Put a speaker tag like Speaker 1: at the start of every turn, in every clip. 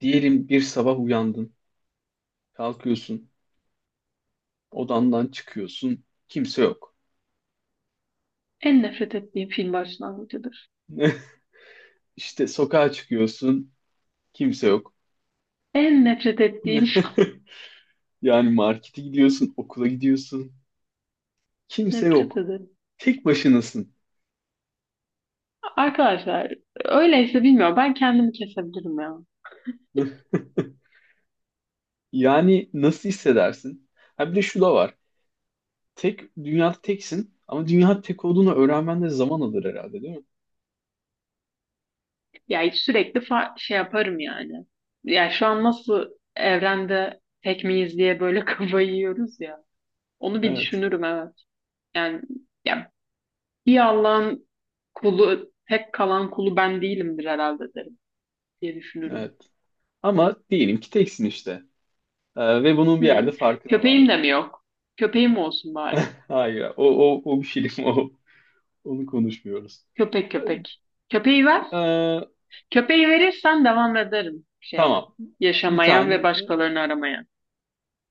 Speaker 1: Diyelim bir sabah uyandın, kalkıyorsun, odandan çıkıyorsun, kimse yok.
Speaker 2: En nefret ettiğim film başlangıcıdır.
Speaker 1: İşte sokağa çıkıyorsun, kimse yok.
Speaker 2: En nefret ettiğim
Speaker 1: Yani markete gidiyorsun, okula gidiyorsun, kimse
Speaker 2: nefret
Speaker 1: yok.
Speaker 2: ederim.
Speaker 1: Tek başınasın.
Speaker 2: Arkadaşlar, öyleyse bilmiyorum, ben kendimi kesebilirim ya.
Speaker 1: Yani nasıl hissedersin? Ha bir de şu da var. Tek dünyada teksin ama dünya tek olduğunu öğrenmen de zaman alır herhalde, değil mi?
Speaker 2: Ya sürekli şey yaparım yani. Ya şu an nasıl evrende tek miyiz diye böyle kafayı yiyoruz ya. Onu bir
Speaker 1: Evet.
Speaker 2: düşünürüm, evet. Yani ya bir Allah'ın kulu, tek kalan kulu ben değilimdir herhalde derim diye düşünürüm.
Speaker 1: Evet. Ama diyelim ki teksin işte. Ve bunun bir
Speaker 2: Hı.
Speaker 1: yerde farkına var.
Speaker 2: Köpeğim de mi yok? Köpeğim olsun bari.
Speaker 1: Hayır, o, o, o bir film, onu konuşmuyoruz.
Speaker 2: Köpek köpek. Köpeği ver.
Speaker 1: Ee,
Speaker 2: Köpeği verirsen devam ederim şeye.
Speaker 1: tamam, bir
Speaker 2: Yaşamaya
Speaker 1: tane,
Speaker 2: ve
Speaker 1: e,
Speaker 2: başkalarını aramaya.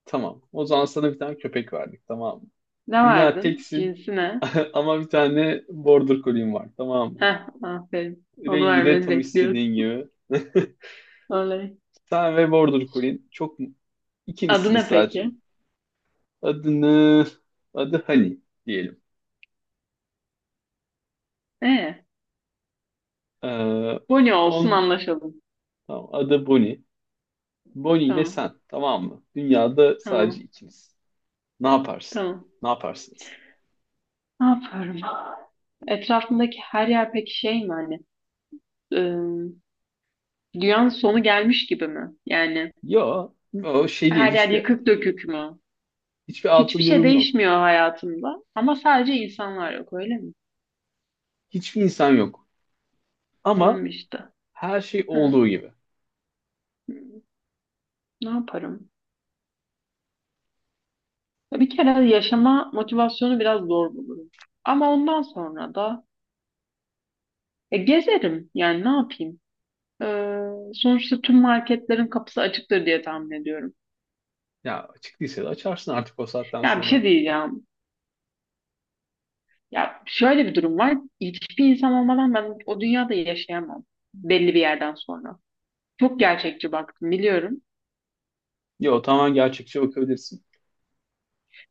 Speaker 1: tamam. O zaman sana bir tane köpek verdik, tamam mı?
Speaker 2: Ne
Speaker 1: Dünya
Speaker 2: verdin?
Speaker 1: teksin
Speaker 2: Cinsi ne?
Speaker 1: ama bir tane border collie'm var, tamam mı?
Speaker 2: Heh, aferin. Onu
Speaker 1: Rengi de
Speaker 2: vermeni
Speaker 1: tam
Speaker 2: bekliyorum.
Speaker 1: istediğin gibi.
Speaker 2: Oley.
Speaker 1: Sen ve border collie'in
Speaker 2: Adı
Speaker 1: ikinizsiniz
Speaker 2: ne
Speaker 1: sadece.
Speaker 2: peki?
Speaker 1: Adını, Adı Hani diyelim.
Speaker 2: Ee,
Speaker 1: Ee,
Speaker 2: Bonnie olsun,
Speaker 1: on,
Speaker 2: anlaşalım.
Speaker 1: tamam, adı Bonnie. Bonnie ile
Speaker 2: Tamam,
Speaker 1: sen, tamam mı? Dünyada sadece
Speaker 2: tamam,
Speaker 1: ikiniz. Ne yaparsın?
Speaker 2: tamam.
Speaker 1: Ne yaparsınız?
Speaker 2: Ne yapıyorum? Etrafındaki her yer peki şey mi hani? ıı, dünyanın sonu gelmiş gibi mi? Yani
Speaker 1: Yo, o şey değil.
Speaker 2: her yer
Speaker 1: Hiçbir
Speaker 2: yıkık dökük mü?
Speaker 1: hiçbir
Speaker 2: Hiçbir
Speaker 1: altı
Speaker 2: şey
Speaker 1: durum yok.
Speaker 2: değişmiyor hayatımda ama sadece insanlar yok, öyle mi?
Speaker 1: Hiçbir insan yok. Ama
Speaker 2: Tamam işte.
Speaker 1: her şey
Speaker 2: Hı.
Speaker 1: olduğu gibi.
Speaker 2: Ne yaparım? Ya bir kere yaşama motivasyonu biraz zor bulurum. Ama ondan sonra da gezerim. Yani ne yapayım? Sonuçta tüm marketlerin kapısı açıktır diye tahmin ediyorum.
Speaker 1: Ya açık değilse de açarsın artık o saatten
Speaker 2: Ya bir
Speaker 1: sonra.
Speaker 2: şey diyeceğim. Ya şöyle bir durum var. Hiçbir insan olmadan ben o dünyada yaşayamam. Belli bir yerden sonra. Çok gerçekçi baktım, biliyorum.
Speaker 1: Yo, tamamen gerçekçi bakabilirsin.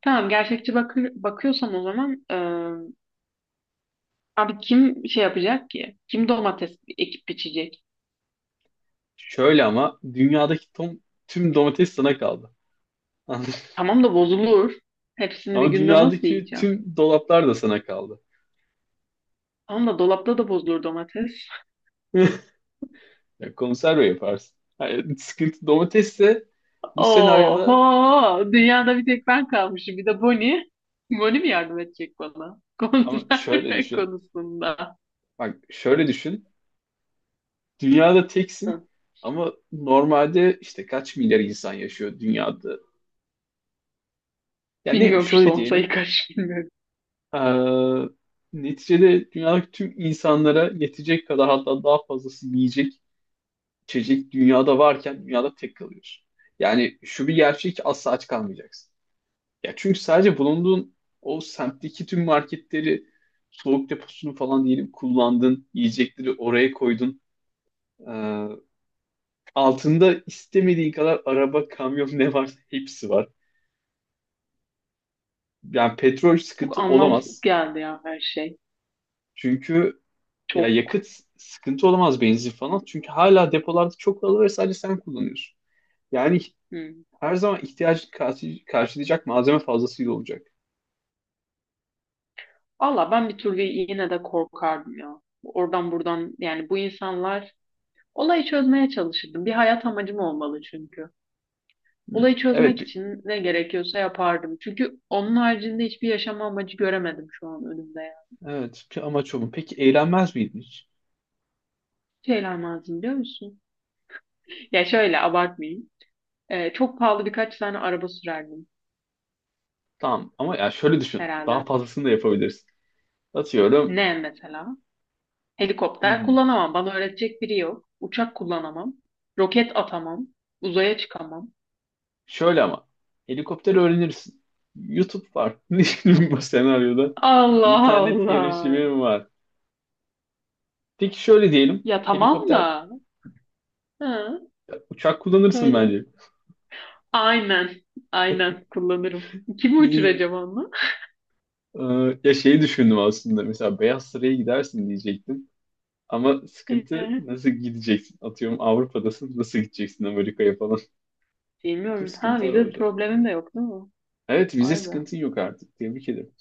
Speaker 2: Tamam, gerçekçi bakıyorsan o zaman abi kim şey yapacak ki? Kim domates ekip biçecek?
Speaker 1: Şöyle ama dünyadaki tüm domates sana kaldı.
Speaker 2: Tamam da bozulur. Hepsini bir
Speaker 1: Ama
Speaker 2: günde nasıl
Speaker 1: dünyadaki
Speaker 2: yiyeceğim?
Speaker 1: tüm dolaplar da sana kaldı.
Speaker 2: Tamam da dolapta da bozulur domates.
Speaker 1: Ya konserve yaparsın. Yani sıkıntı domatesse bu senaryoda,
Speaker 2: Oho! Dünyada bir tek ben kalmışım. Bir de Bonnie. Bonnie mi yardım edecek bana?
Speaker 1: ama şöyle
Speaker 2: Konserve
Speaker 1: düşün.
Speaker 2: konusunda.
Speaker 1: Bak, şöyle düşün. Dünyada teksin
Speaker 2: Hı.
Speaker 1: ama normalde işte kaç milyar insan yaşıyor dünyada? Yani ne,
Speaker 2: Bilmiyorum, şu
Speaker 1: şöyle
Speaker 2: son sayı
Speaker 1: diyelim.
Speaker 2: kaç bilmiyorum.
Speaker 1: eee, Neticede dünyadaki tüm insanlara yetecek kadar, hatta daha fazlası yiyecek, içecek dünyada varken dünyada tek kalıyorsun. Yani şu bir gerçek ki asla aç kalmayacaksın. Ya çünkü sadece bulunduğun o semtteki tüm marketleri, soğuk deposunu falan diyelim kullandın, yiyecekleri oraya koydun. Ee, Altında istemediği kadar araba, kamyon ne varsa hepsi var. Yani petrol
Speaker 2: Çok
Speaker 1: sıkıntı
Speaker 2: anlamsız
Speaker 1: olamaz.
Speaker 2: geldi ya her şey.
Speaker 1: Çünkü ya
Speaker 2: Çok.
Speaker 1: yakıt sıkıntı olamaz, benzin falan. Çünkü hala depolarda çok fazla ve sadece sen kullanıyorsun. Yani
Speaker 2: Hı.
Speaker 1: her zaman ihtiyacını karşılayacak malzeme fazlasıyla olacak.
Speaker 2: Valla ben bir türlü yine de korkardım ya. Oradan buradan, yani bu insanlar olayı çözmeye çalışırdım. Bir hayat amacım olmalı çünkü.
Speaker 1: Hı.
Speaker 2: Olayı
Speaker 1: Evet,
Speaker 2: çözmek için ne gerekiyorsa yapardım. Çünkü onun haricinde hiçbir yaşam amacı göremedim şu an önümde ya.
Speaker 1: evet. Ki amaç o mu? Peki eğlenmez miydin hiç?
Speaker 2: Şeyler lazım, biliyor musun? Ya şöyle abartmayayım. Çok pahalı birkaç tane araba sürerdim
Speaker 1: Tamam ama ya şöyle düşün. Daha
Speaker 2: herhalde.
Speaker 1: fazlasını da yapabilirsin. Atıyorum.
Speaker 2: Ne mesela? Helikopter
Speaker 1: Hmm.
Speaker 2: kullanamam. Bana öğretecek biri yok. Uçak kullanamam. Roket atamam. Uzaya çıkamam.
Speaker 1: Şöyle ama helikopter öğrenirsin. YouTube var. Bu senaryoda
Speaker 2: Allah
Speaker 1: internet
Speaker 2: Allah.
Speaker 1: erişimim var. Peki şöyle diyelim.
Speaker 2: Ya tamam
Speaker 1: Helikopter,
Speaker 2: da. Ha,
Speaker 1: uçak kullanırsın
Speaker 2: öyle.
Speaker 1: bence.
Speaker 2: Aynen. Aynen kullanırım. Kimi
Speaker 1: Niye?
Speaker 2: uçuracağım onunla?
Speaker 1: Ee, Ya şeyi düşündüm aslında. Mesela Beyaz Saray'a gidersin diyecektim. Ama sıkıntı, nasıl gideceksin? Atıyorum Avrupa'dasın. Nasıl gideceksin Amerika'ya falan? Tür
Speaker 2: Bilmiyorum. Ha,
Speaker 1: sıkıntılar
Speaker 2: vize
Speaker 1: olacak.
Speaker 2: problemin de yok değil mi?
Speaker 1: Evet, vize
Speaker 2: Vay be.
Speaker 1: sıkıntın yok artık. Tebrik ederim.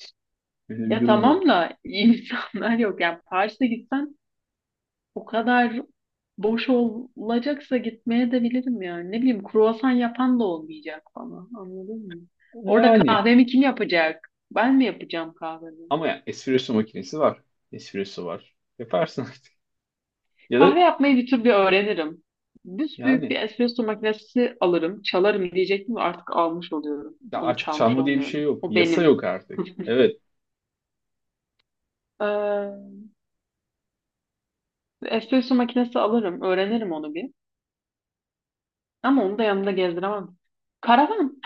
Speaker 1: Böyle bir
Speaker 2: Ya
Speaker 1: durumda.
Speaker 2: tamam da insanlar yok. Yani Paris'e gitsen o kadar boş olacaksa gitmeye de bilirim yani. Ne bileyim, kruvasan yapan da olmayacak bana. Anladın mı? Orada
Speaker 1: Yani.
Speaker 2: kahvemi kim yapacak? Ben mi yapacağım kahvemi?
Speaker 1: Ama ya espresso makinesi var. Espresso var. Yaparsın artık. Ya da
Speaker 2: Kahve yapmayı bir türlü öğrenirim. Büyük bir
Speaker 1: yani
Speaker 2: espresso makinesi alırım, çalarım diyecektim de artık almış oluyorum.
Speaker 1: ya
Speaker 2: Onu
Speaker 1: artık
Speaker 2: çalmış
Speaker 1: çalma diye bir şey
Speaker 2: olmuyorum.
Speaker 1: yok.
Speaker 2: O
Speaker 1: Yasa
Speaker 2: benim.
Speaker 1: yok artık. Evet.
Speaker 2: Ee, espresso makinesi alırım. Öğrenirim onu bir. Ama onu da yanımda gezdiremem. Karavan.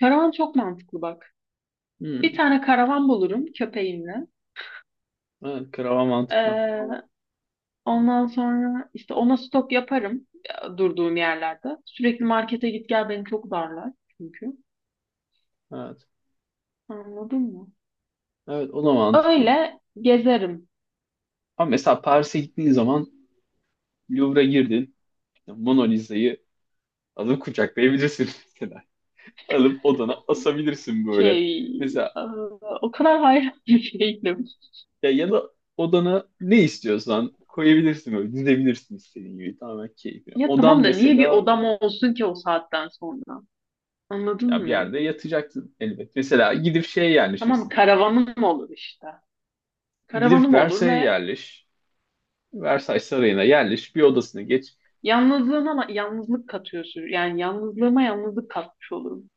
Speaker 2: Karavan çok mantıklı bak. Bir
Speaker 1: Hmm.
Speaker 2: tane karavan bulurum köpeğimle.
Speaker 1: Evet, krava mantıklı.
Speaker 2: Ee, ondan sonra işte ona stok yaparım durduğum yerlerde. Sürekli markete git gel beni çok darlar çünkü.
Speaker 1: Evet.
Speaker 2: Anladın mı?
Speaker 1: Evet, o da mantıklı.
Speaker 2: Öyle gezerim.
Speaker 1: Ama mesela Paris'e gittiğin zaman Louvre'a girdin. İşte Mona Lisa'yı alıp kucaklayabilirsin mesela. Alıp odana asabilirsin böyle.
Speaker 2: Şey,
Speaker 1: Mesela
Speaker 2: e, o kadar hayran bir değilim.
Speaker 1: ya da odana ne istiyorsan koyabilirsin böyle. Dizebilirsin istediğin gibi. Tamamen keyfine.
Speaker 2: Ya
Speaker 1: Odan
Speaker 2: tamam da niye bir
Speaker 1: mesela,
Speaker 2: odam olsun ki o saatten sonra? Anladın
Speaker 1: ya bir
Speaker 2: mı?
Speaker 1: yerde yatacaksın elbet. Mesela gidip şeye
Speaker 2: Tamam,
Speaker 1: yerleşirsin.
Speaker 2: karavanım olur işte.
Speaker 1: Gidip
Speaker 2: Karavanım olur
Speaker 1: Versailles'e
Speaker 2: ve
Speaker 1: yerleş. Versailles Sarayı'na yerleş, bir odasına geç.
Speaker 2: yalnızlığıma yalnızlık katıyor sür. Yani yalnızlığıma yalnızlık katmış olurum.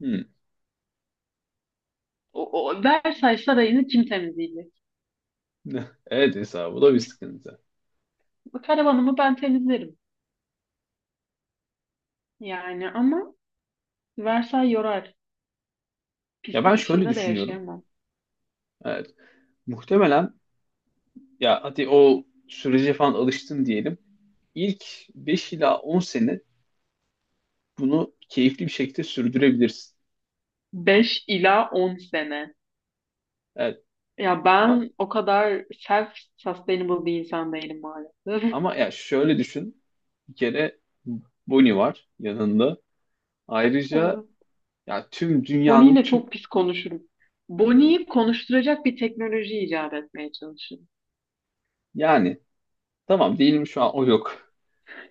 Speaker 1: Hmm.
Speaker 2: O, o Versailles Sarayı'nı kim temizleyecek?
Speaker 1: Evet Esra, bu da bir sıkıntı.
Speaker 2: Bu karavanımı ben temizlerim. Yani ama Versailles yorar.
Speaker 1: Ya ben
Speaker 2: Pislik
Speaker 1: şöyle
Speaker 2: içinde de
Speaker 1: düşünüyorum.
Speaker 2: yaşayamam.
Speaker 1: Evet. Muhtemelen, ya hadi o sürece falan alıştın diyelim. İlk 5 ila 10 sene bunu keyifli bir şekilde sürdürebilirsin.
Speaker 2: Beş ila 10 sene.
Speaker 1: Evet.
Speaker 2: Ya
Speaker 1: Ama,
Speaker 2: ben o kadar self-sustainable bir insan değilim maalesef.
Speaker 1: ama ya şöyle düşün. Bir kere Bonnie var yanında. Ayrıca
Speaker 2: Evet.
Speaker 1: ya tüm
Speaker 2: Bonnie
Speaker 1: dünyanın
Speaker 2: ile
Speaker 1: tüm...
Speaker 2: çok pis konuşurum. Bonnie'yi
Speaker 1: Evet.
Speaker 2: konuşturacak bir teknoloji icat etmeye çalışırım.
Speaker 1: Yani tamam, diyelim şu an o yok.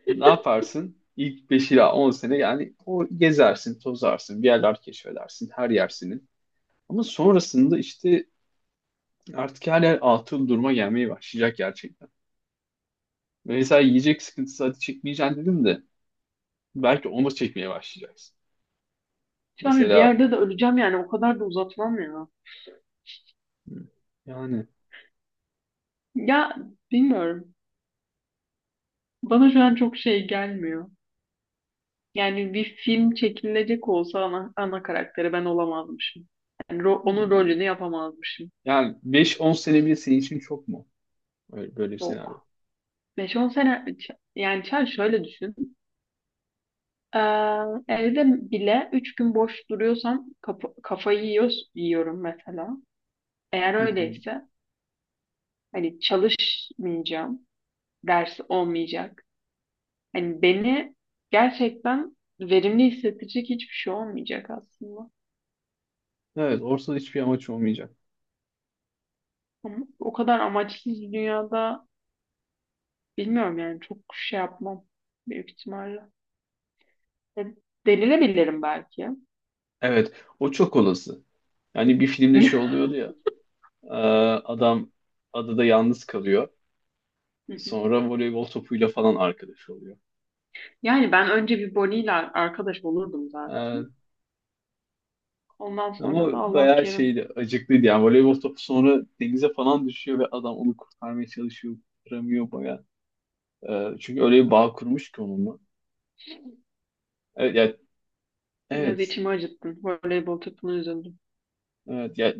Speaker 1: Ne yaparsın? İlk 5 ila 10 sene yani o gezersin, tozarsın, bir yerler keşfedersin, her yer senin. Ama sonrasında işte artık her yer atıl duruma gelmeye başlayacak gerçekten. Mesela yiyecek sıkıntısı hadi çekmeyeceksin dedim de belki onu da çekmeye başlayacaksın.
Speaker 2: Şu an bir
Speaker 1: Mesela
Speaker 2: yerde de öleceğim yani, o kadar da uzatmam ya.
Speaker 1: yani
Speaker 2: Ya bilmiyorum. Bana şu an çok şey gelmiyor. Yani bir film çekilecek olsa ana karakteri ben olamazmışım. Yani onun rolünü yapamazmışım.
Speaker 1: yani 5-10 sene bile senin için çok mu? Öyle, böyle bir senaryo.
Speaker 2: Çok. 5 on sene yani Çağ şöyle düşün. Ee, evde bile 3 gün boş duruyorsam kafayı yiyorum mesela. Eğer
Speaker 1: Hı hı.
Speaker 2: öyleyse hani çalışmayacağım. Ders olmayacak. Hani beni gerçekten verimli hissettirecek hiçbir şey olmayacak aslında.
Speaker 1: Evet, ortada hiçbir amaç olmayacak.
Speaker 2: Ama o kadar amaçsız bir dünyada bilmiyorum, yani çok şey yapmam büyük ihtimalle. E, Delirebilirim belki.
Speaker 1: Evet, o çok olası. Yani bir
Speaker 2: Hı
Speaker 1: filmde şey oluyordu ya. Ee, Adam adada yalnız kalıyor.
Speaker 2: hı.
Speaker 1: Sonra voleybol topuyla falan arkadaş oluyor.
Speaker 2: Yani ben önce bir Bonnie'yle arkadaş olurdum zaten.
Speaker 1: Ee,
Speaker 2: Ondan sonra da
Speaker 1: Ama
Speaker 2: Allah
Speaker 1: bayağı
Speaker 2: kerim,
Speaker 1: şeydi, acıklıydı yani. Voleybol topu sonra denize falan düşüyor ve adam onu kurtarmaya çalışıyor, kurtaramıyor bayağı. Çünkü öyle bir bağ kurmuş ki onunla. Evet, yani,
Speaker 2: biraz
Speaker 1: evet,
Speaker 2: içimi acıttın. Voleybol takımına üzüldüm.
Speaker 1: evet, yani,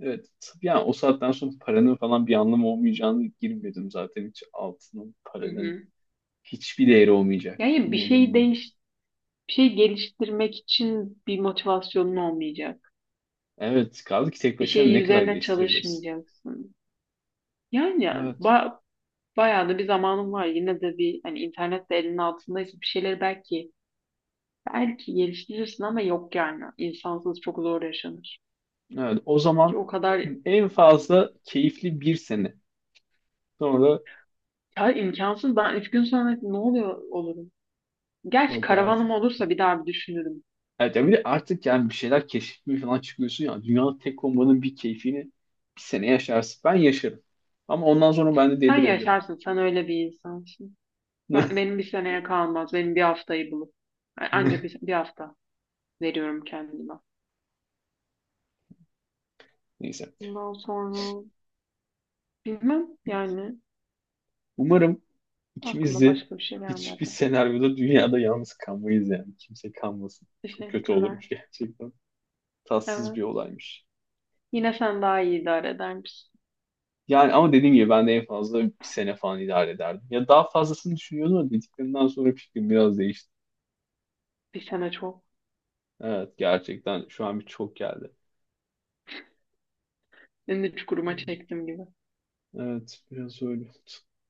Speaker 1: evet. Yani o saatten sonra paranın falan bir anlamı olmayacağını girmedim zaten, hiç altının,
Speaker 2: Hı
Speaker 1: paranın
Speaker 2: hı.
Speaker 1: hiçbir değeri olmayacak.
Speaker 2: Yani bir şey geliştirmek için bir motivasyonun olmayacak.
Speaker 1: Evet, kaldı ki tek
Speaker 2: Bir
Speaker 1: başına
Speaker 2: şey
Speaker 1: ne kadar
Speaker 2: üzerine
Speaker 1: geliştirebilirsin.
Speaker 2: çalışmayacaksın. Yani
Speaker 1: Evet.
Speaker 2: ba- bayağı da bir zamanım var. Yine de bir hani, internet de elinin altındaysa bir şeyleri belki, geliştirirsin ama yok yani. İnsansız çok zor yaşanır.
Speaker 1: Evet, o
Speaker 2: Ki
Speaker 1: zaman
Speaker 2: o kadar,
Speaker 1: en fazla keyifli bir sene. Sonra
Speaker 2: ya imkansız. Ben üç gün sonra ne oluyor olurum. Gerçi
Speaker 1: yok
Speaker 2: karavanım
Speaker 1: artık.
Speaker 2: olursa bir daha bir düşünürüm.
Speaker 1: Evet, ya bir de artık yani bir şeyler keşfetmeye falan çıkıyorsun ya. Dünyanın tek olmanın bir keyfini bir sene yaşarsın. Ben yaşarım. Ama ondan sonra ben de
Speaker 2: Sen
Speaker 1: delirebilirim.
Speaker 2: yaşarsın. Sen öyle bir insansın. Benim bir seneye kalmaz. Benim bir haftayı bulup. Yani anca bir hafta veriyorum kendime.
Speaker 1: Neyse.
Speaker 2: Bundan sonra bilmem yani,
Speaker 1: Umarım ikimiz
Speaker 2: aklıma
Speaker 1: de
Speaker 2: başka bir şey
Speaker 1: hiçbir
Speaker 2: gelmedi.
Speaker 1: senaryoda dünyada yalnız kalmayız yani. Kimse kalmasın. Çok kötü
Speaker 2: Teşekkürler.
Speaker 1: olurmuş gerçekten. Tatsız bir
Speaker 2: Evet.
Speaker 1: olaymış.
Speaker 2: Yine sen daha iyi idare edermişsin.
Speaker 1: Yani ama dediğim gibi ben de en fazla bir sene falan idare ederdim. Ya daha fazlasını düşünüyordum ama dediklerimden sonra fikrim biraz değişti.
Speaker 2: Bir sene çok.
Speaker 1: Evet, gerçekten şu an bir çok geldi.
Speaker 2: Beni de çukuruma çektim gibi.
Speaker 1: Evet, biraz öyle oldu.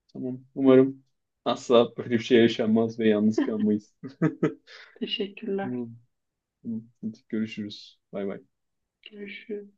Speaker 1: Tamam, umarım asla böyle bir şey yaşanmaz ve yalnız kalmayız.
Speaker 2: Teşekkürler.
Speaker 1: Tamam. Tamam. Hadi görüşürüz. Bay bay.
Speaker 2: Görüşürüz.